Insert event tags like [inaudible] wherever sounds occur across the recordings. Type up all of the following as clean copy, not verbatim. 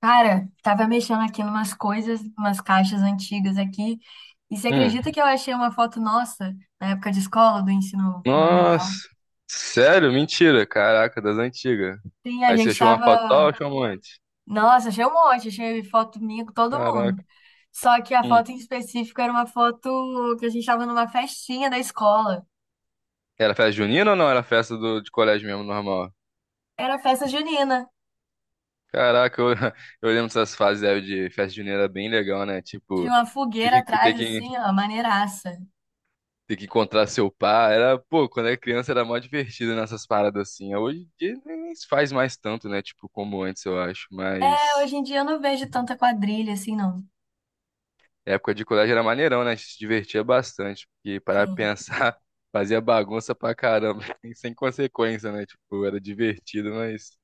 Cara, tava mexendo aqui numas coisas, umas caixas antigas aqui, e você Hum. acredita que eu achei uma foto nossa na época de escola, do ensino fundamental? Nossa. Sério? Mentira. Caraca, das antigas. Sim, a Aí você gente achou uma foto só ou tava. achou um antes? Nossa, achei um monte, achei foto minha com todo mundo. Caraca. Só que a Hum. foto em específico era uma foto que a gente tava numa festinha da escola. Era festa junina ou não? Era festa de colégio mesmo, normal? Era festa junina. Caraca, eu, [laughs] eu lembro dessas fases aí de festa junina era bem legal, né? Tinha Tipo, uma ter fogueira que, ter atrás, que, assim, ó, maneiraça. ter que encontrar seu par. Era, pô, quando era criança era mó divertido nessas paradas assim. Hoje em dia nem se faz mais tanto, né? Tipo, como antes, eu acho. É, Mas. hoje em dia eu não vejo tanta quadrilha assim, não. Época de colégio era maneirão, né? A gente se divertia bastante. Porque para Sim. pensar, [laughs] fazia bagunça pra caramba, [laughs] e sem consequência, né? Tipo, era divertido, mas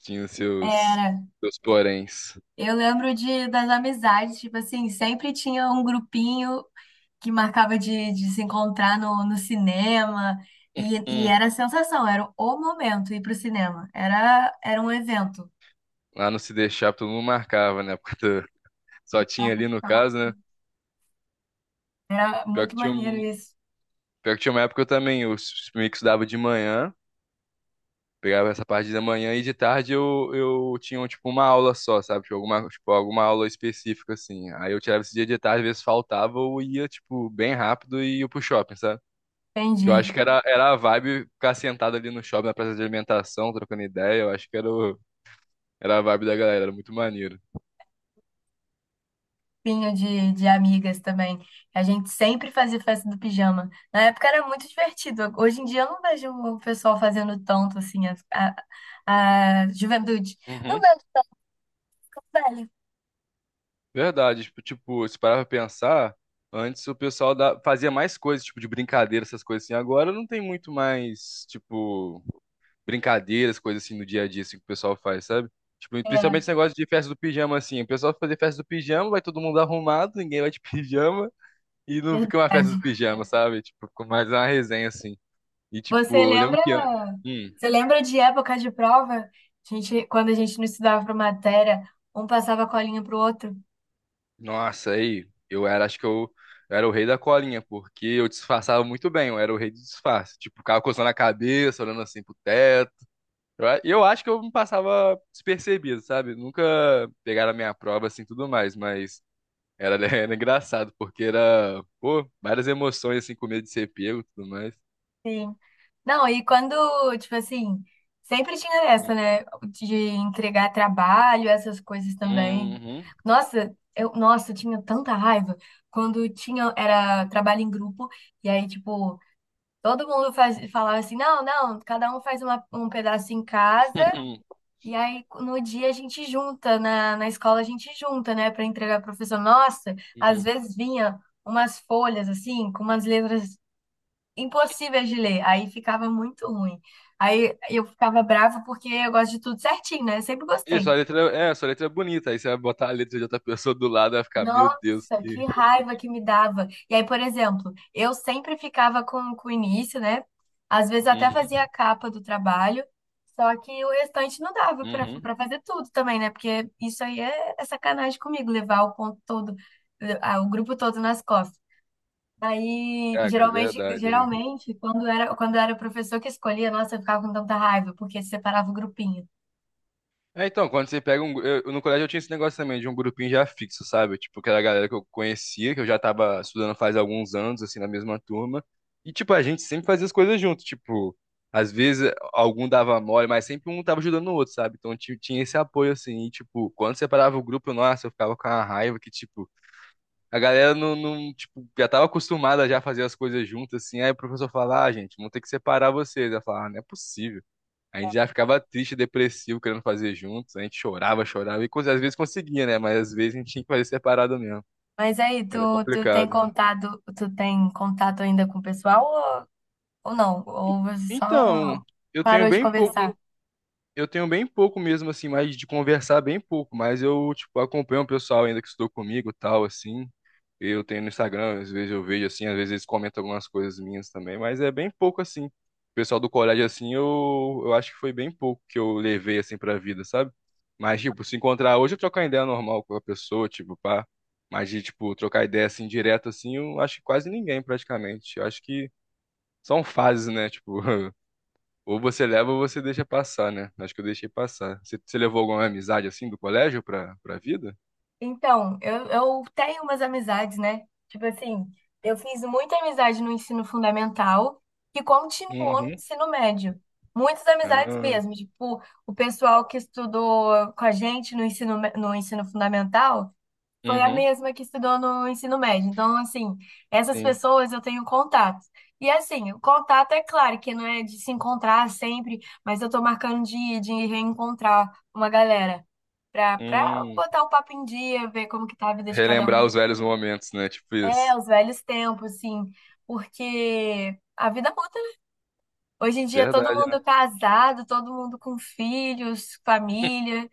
tinha os seus, Era. seus poréns. Eu lembro das amizades, tipo assim, sempre tinha um grupinho que marcava de se encontrar no cinema, e Hum, era a sensação, era o momento ir pro cinema, era um evento. lá no Se Deixar, todo mundo marcava, né? [laughs] Só tinha ali no Então, caso, né? era Pior que muito tinha, maneiro um, isso. Pior que tinha uma época que eu também, meio que estudava de manhã. Pegava essa parte da manhã e de tarde eu tinha, tipo, uma aula só, sabe? Tipo, alguma aula específica, assim. Aí eu tirava esse dia de tarde, às vezes faltava, ou ia, tipo, bem rápido e ia pro shopping, sabe? Que eu acho Entendi. que era, era a vibe ficar sentado ali no shopping, na praça de alimentação, trocando ideia. Eu acho que era a vibe da galera, era muito maneiro. Grupinho de amigas também. A gente sempre fazia festa do pijama. Na época era muito divertido. Hoje em dia eu não vejo o pessoal fazendo tanto assim, a juventude. Não Uhum. vejo, velho. Verdade, tipo, tipo, se parar pra pensar, antes o pessoal da- fazia mais coisas, tipo, de brincadeira, essas coisas assim. Agora não tem muito mais, tipo brincadeiras, coisas assim no dia a dia, assim, que o pessoal faz, sabe? Tipo, principalmente É, esse negócio de festa do pijama, assim. O pessoal vai fazer festa do pijama, vai todo mundo arrumado, ninguém vai de [laughs] pijama, e não fica uma festa do verdade. pijama, sabe? Tipo, fica mais uma resenha, assim. E, Você tipo, eu lembro lembra, que. Hum, Você lembra de época de prova? A gente, quando a gente não estudava para matéria, um passava a colinha pro outro. nossa, aí, eu era, acho que eu era o rei da colinha, porque eu disfarçava muito bem, eu era o rei do disfarce. Tipo, ficava coçando a cabeça, olhando assim pro teto. Eu acho que eu me passava despercebido, sabe? Nunca pegaram a minha prova, assim, tudo mais, mas. Era, [laughs] era engraçado, porque era, pô, várias emoções, assim, com medo de ser pego e tudo mais. Sim. Não, e quando, tipo assim, sempre tinha essa, né, de entregar trabalho, essas coisas também. Uhum. Nossa, eu tinha tanta raiva quando tinha era trabalho em grupo e aí tipo, todo mundo faz, falava assim: "Não, não, cada um faz uma- um pedaço em casa". [laughs] E aí, no dia a gente junta, na escola a gente junta, né, para entregar pro professor. Nossa, às Uhum. vezes vinha umas folhas assim, com umas letras impossíveis de ler, aí ficava muito ruim. Aí eu ficava brava porque eu gosto de tudo certinho, né? Eu sempre Isso, gostei. Sua letra é bonita. Aí você vai botar a letra de outra pessoa do lado, vai ficar, meu Deus, Nossa, que. que raiva que me dava. E aí, por exemplo, eu sempre ficava com o início, né? Às vezes até Uhum. fazia a capa do trabalho, só que o restante não dava para Uhum. Fazer tudo também, né? Porque isso aí é sacanagem comigo, levar o ponto todo, o grupo todo nas costas. Aí, Caraca, é verdade, né? geralmente, quando era o professor que escolhia, nossa, eu ficava com tanta raiva, porque separava o grupinho. É, então, quando você pega um. Eu, no colégio eu tinha esse negócio também de um grupinho já fixo, sabe? Tipo, que era a galera que eu conhecia, que eu já tava estudando faz alguns anos, assim, na mesma turma. E, tipo, a gente sempre fazia as coisas junto. Tipo, às vezes algum dava mole, mas sempre um tava ajudando o outro, sabe? Tinha esse apoio, assim. E, tipo, quando separava o grupo, nossa, eu ficava com a raiva que, tipo, a galera não, tipo, já tava acostumada já a fazer as coisas juntas, assim. Aí o professor falava, ah, gente, vão ter que separar vocês. Eu falava, ah, não é possível. A gente já ficava triste, depressivo, querendo fazer juntos. A gente chorava, chorava. Às vezes conseguia, né? Mas às vezes a gente tinha que fazer separado mesmo. Mas aí, Era complicado. Tu tem contato ainda com o pessoal? Ou não? Ou você só... Então, Não. eu tenho Parou de bem pouco, conversar? eu tenho bem pouco mesmo, assim, mais de conversar bem pouco. Mas eu, tipo, acompanho o pessoal ainda que estudou comigo e tal, assim. Eu tenho no Instagram, às vezes eu vejo assim, às vezes eles comentam algumas coisas minhas também, mas é bem pouco assim. O pessoal do colégio assim, eu acho que foi bem pouco que eu levei assim pra vida, sabe? Mas tipo, se encontrar hoje eu trocar ideia normal com a pessoa, tipo, pá. Mas de tipo trocar ideia assim direto assim, eu acho que quase ninguém praticamente. Eu acho que são fases, né? Tipo, [laughs] ou você leva ou você deixa passar, né? Acho que eu deixei passar. Você levou alguma amizade assim do colégio pra vida? Então, eu tenho umas amizades, né? Tipo assim, eu fiz muita amizade no ensino fundamental que continuou no Uhum. ensino médio. Muitas amizades Ah, mesmo. Tipo, o pessoal que estudou com a gente no no ensino fundamental foi a uhum, mesma que estudou no ensino médio. Então, assim, essas sim. pessoas eu tenho contato. E assim, o contato é claro que não é de se encontrar sempre, mas eu tô marcando de reencontrar uma galera pra Hum. botar o papo em dia, ver como que tá a vida de cada Relembrar um. os velhos momentos, né? Tipo isso. É, os velhos tempos, assim, porque a vida muda, né? Hoje em dia todo Verdade, né? mundo casado, todo mundo com filhos, família.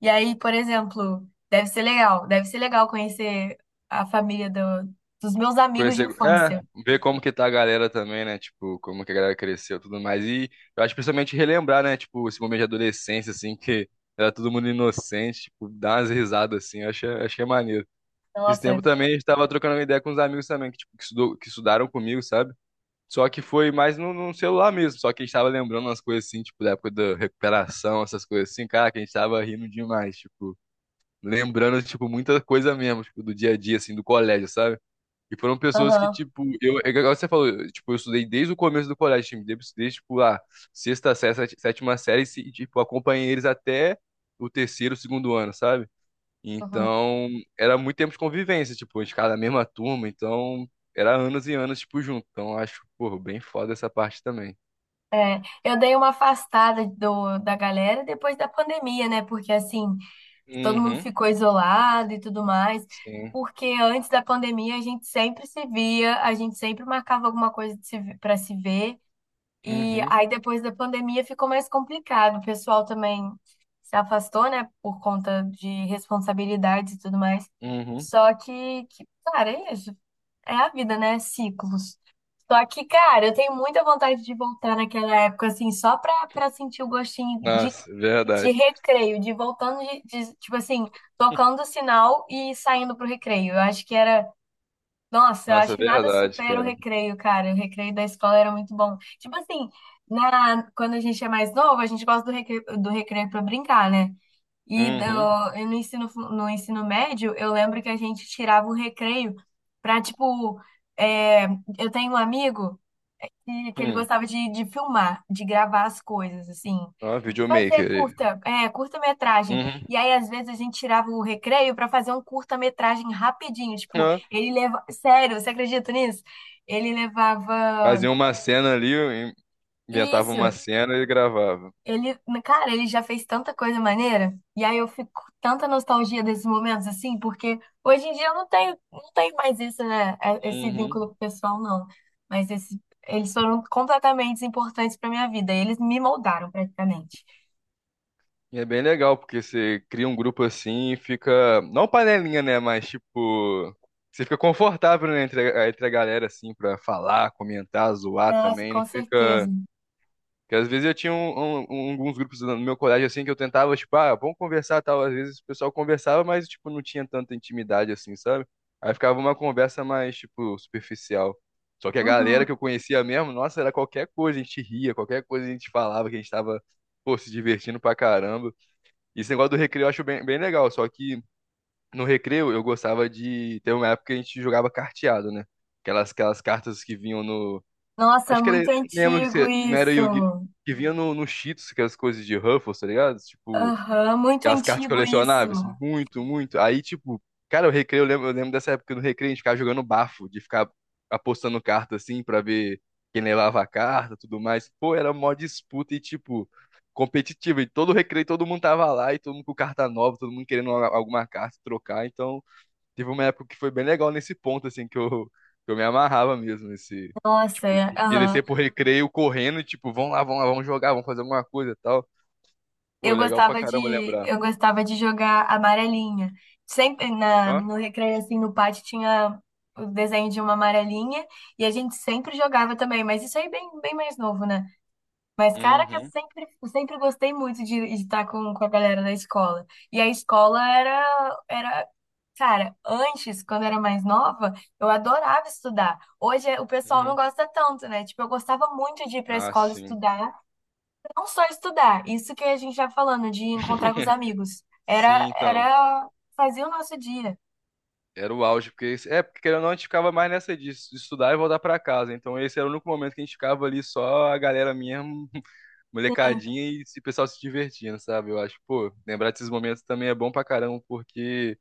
E aí, por exemplo, deve ser legal conhecer a família do- dos meus amigos de Conhecer, é, infância. ver como que tá a galera também, né? Tipo, como que a galera cresceu e tudo mais. E eu acho que principalmente relembrar, né? Tipo, esse momento de adolescência, assim, que era todo mundo inocente, tipo, dar umas risadas, assim, eu achei, achei maneiro. Esse Nossa, tempo também a gente tava trocando uma ideia com uns amigos também, que, tipo, que estudaram comigo, sabe? Só que foi mais no celular mesmo, só que a gente tava lembrando umas coisas assim, tipo, da época da recuperação, essas coisas assim, cara, que a gente tava rindo demais, tipo. Lembrando, tipo, muita coisa mesmo, tipo, do dia a dia, assim, do colégio, sabe? E foram pessoas que, aham, tipo, eu, é igual você falou, eu, tipo, eu estudei desde o começo do colégio, tipo, tipo, lá sétima série, e, tipo, acompanhei eles até o terceiro, segundo ano, sabe? aham. Então, era muito tempo de convivência, tipo, a gente ficava na mesma turma, então, era anos e anos, tipo, junto. Então, eu acho, pô, bem foda essa parte também. Eu dei uma afastada da galera depois da pandemia, né? Porque assim, todo mundo Uhum, ficou isolado e tudo mais. sim. Porque antes da pandemia a gente sempre se via, a gente sempre marcava alguma coisa de se, para se ver. E Uhum, aí, depois da pandemia, ficou mais complicado. O pessoal também se afastou, né, por conta de responsabilidades e tudo mais. uhum. Só que, cara, é isso. É a vida, né? Ciclos. Só que, cara, eu tenho muita vontade de voltar naquela época, assim, só pra sentir o gostinho Nossa, de verdade. recreio, de voltando, tipo assim, tocando o sinal e saindo pro recreio. Eu acho que era... Nossa, eu acho Nossa, que nada verdade, supera o cara. recreio, cara. O recreio da escola era muito bom. Tipo assim, na, quando a gente é mais novo, a gente gosta do recreio para brincar, né? E, do, Uhum. e no no ensino médio, eu lembro que a gente tirava o recreio pra, tipo, é, eu tenho um amigo que ele Hum. gostava de filmar, de gravar as coisas, assim. Ah, Fazer videomaker ele. curta, é, curta-metragem. Uhum. E aí, às vezes, a gente tirava o recreio para fazer um curta-metragem rapidinho. Tipo, Ó, ele leva... Sério, você acredita nisso? Ele levava. fazia uma cena ali, inventava uma Isso. cena e gravava. Ele, cara, ele já fez tanta coisa maneira. E aí eu fico com tanta nostalgia desses momentos, assim, porque hoje em dia eu não tenho mais isso, né? É- esse vínculo Uhum. com o pessoal, não. Mas esse, eles foram completamente importantes para minha vida. Eles me moldaram praticamente. E é bem legal, porque você cria um grupo assim e fica. Não panelinha, né? Mas tipo. Você fica confortável, né, entre a galera, assim, pra falar, comentar, zoar Nossa, também. Não com fica. certeza. Porque às vezes eu tinha alguns grupos no meu colégio, assim, que eu tentava, tipo, ah, vamos conversar, tal. Às vezes o pessoal conversava, mas, tipo, não tinha tanta intimidade, assim, sabe? Aí ficava uma conversa mais, tipo, superficial. Só que a galera Uhum. que eu conhecia mesmo, nossa, era qualquer coisa, a gente ria, qualquer coisa a gente falava, que a gente tava, pô, se divertindo pra caramba. E esse negócio do recreio eu acho bem, bem legal, só que no recreio eu gostava de... Teve uma época que a gente jogava carteado, né? Aquelas cartas que vinham no Nossa, é Acho que era. muito Lembro que antigo você não era isso. Yu-Gi-Oh! Que vinha no Cheetos, que é as coisas de Ruffles, tá ligado? Tipo, Aham, muito aquelas cartas antigo isso. colecionáveis. Muito, muito. Aí, tipo, cara, o recreio, eu lembro dessa época do recreio, a gente ficava jogando bafo, de ficar apostando carta assim pra ver quem levava a carta tudo mais. Pô, era mó disputa e, tipo, competitiva. E todo recreio, todo mundo tava lá, e todo mundo com carta nova, todo mundo querendo alguma carta trocar. Então. Teve uma época que foi bem legal nesse ponto, assim, que eu me amarrava mesmo, nesse, Nossa, tipo, é, de aham. descer pro recreio correndo, tipo, vamos lá, vamos jogar, vamos fazer alguma coisa e tal. Pô, legal pra caramba lembrar. Eu gostava de jogar amarelinha. Sempre na Ó? no recreio assim no pátio tinha o desenho de uma amarelinha e a gente sempre jogava também, mas isso aí bem mais novo, né? Mas caraca, Uhum, eu sempre gostei muito de estar com a galera da escola. E a escola era... Cara, antes, quando eu era mais nova, eu adorava estudar. Hoje o pessoal não uhum. gosta tanto, né? Tipo, eu gostava muito de ir pra Ah, escola sim. estudar, não só estudar, isso que a gente tá falando, de encontrar com os [laughs] amigos. Sim, então. Fazia o nosso dia. Era o auge, porque... É, porque querendo ou não, a gente ficava mais nessa de estudar e voltar pra casa. Então esse era o único momento que a gente ficava ali só a galera mesmo, [laughs] Sim, molecadinha e esse pessoal se divertindo, sabe? Eu acho, pô, lembrar desses momentos também é bom pra caramba, porque...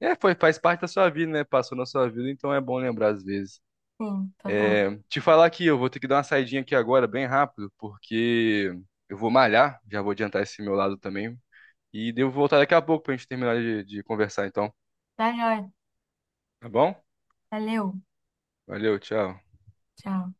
É, foi, faz parte da sua vida, né? Passou na sua vida, então é bom lembrar às vezes. sim, total. É, te falar aqui, eu vou ter que dar uma saidinha aqui agora, bem rápido, porque eu vou malhar, já vou adiantar esse meu lado também. E devo voltar daqui a pouco pra gente terminar de conversar, então. Tá joia. Tá bom? Valeu. Valeu, tchau. Tchau.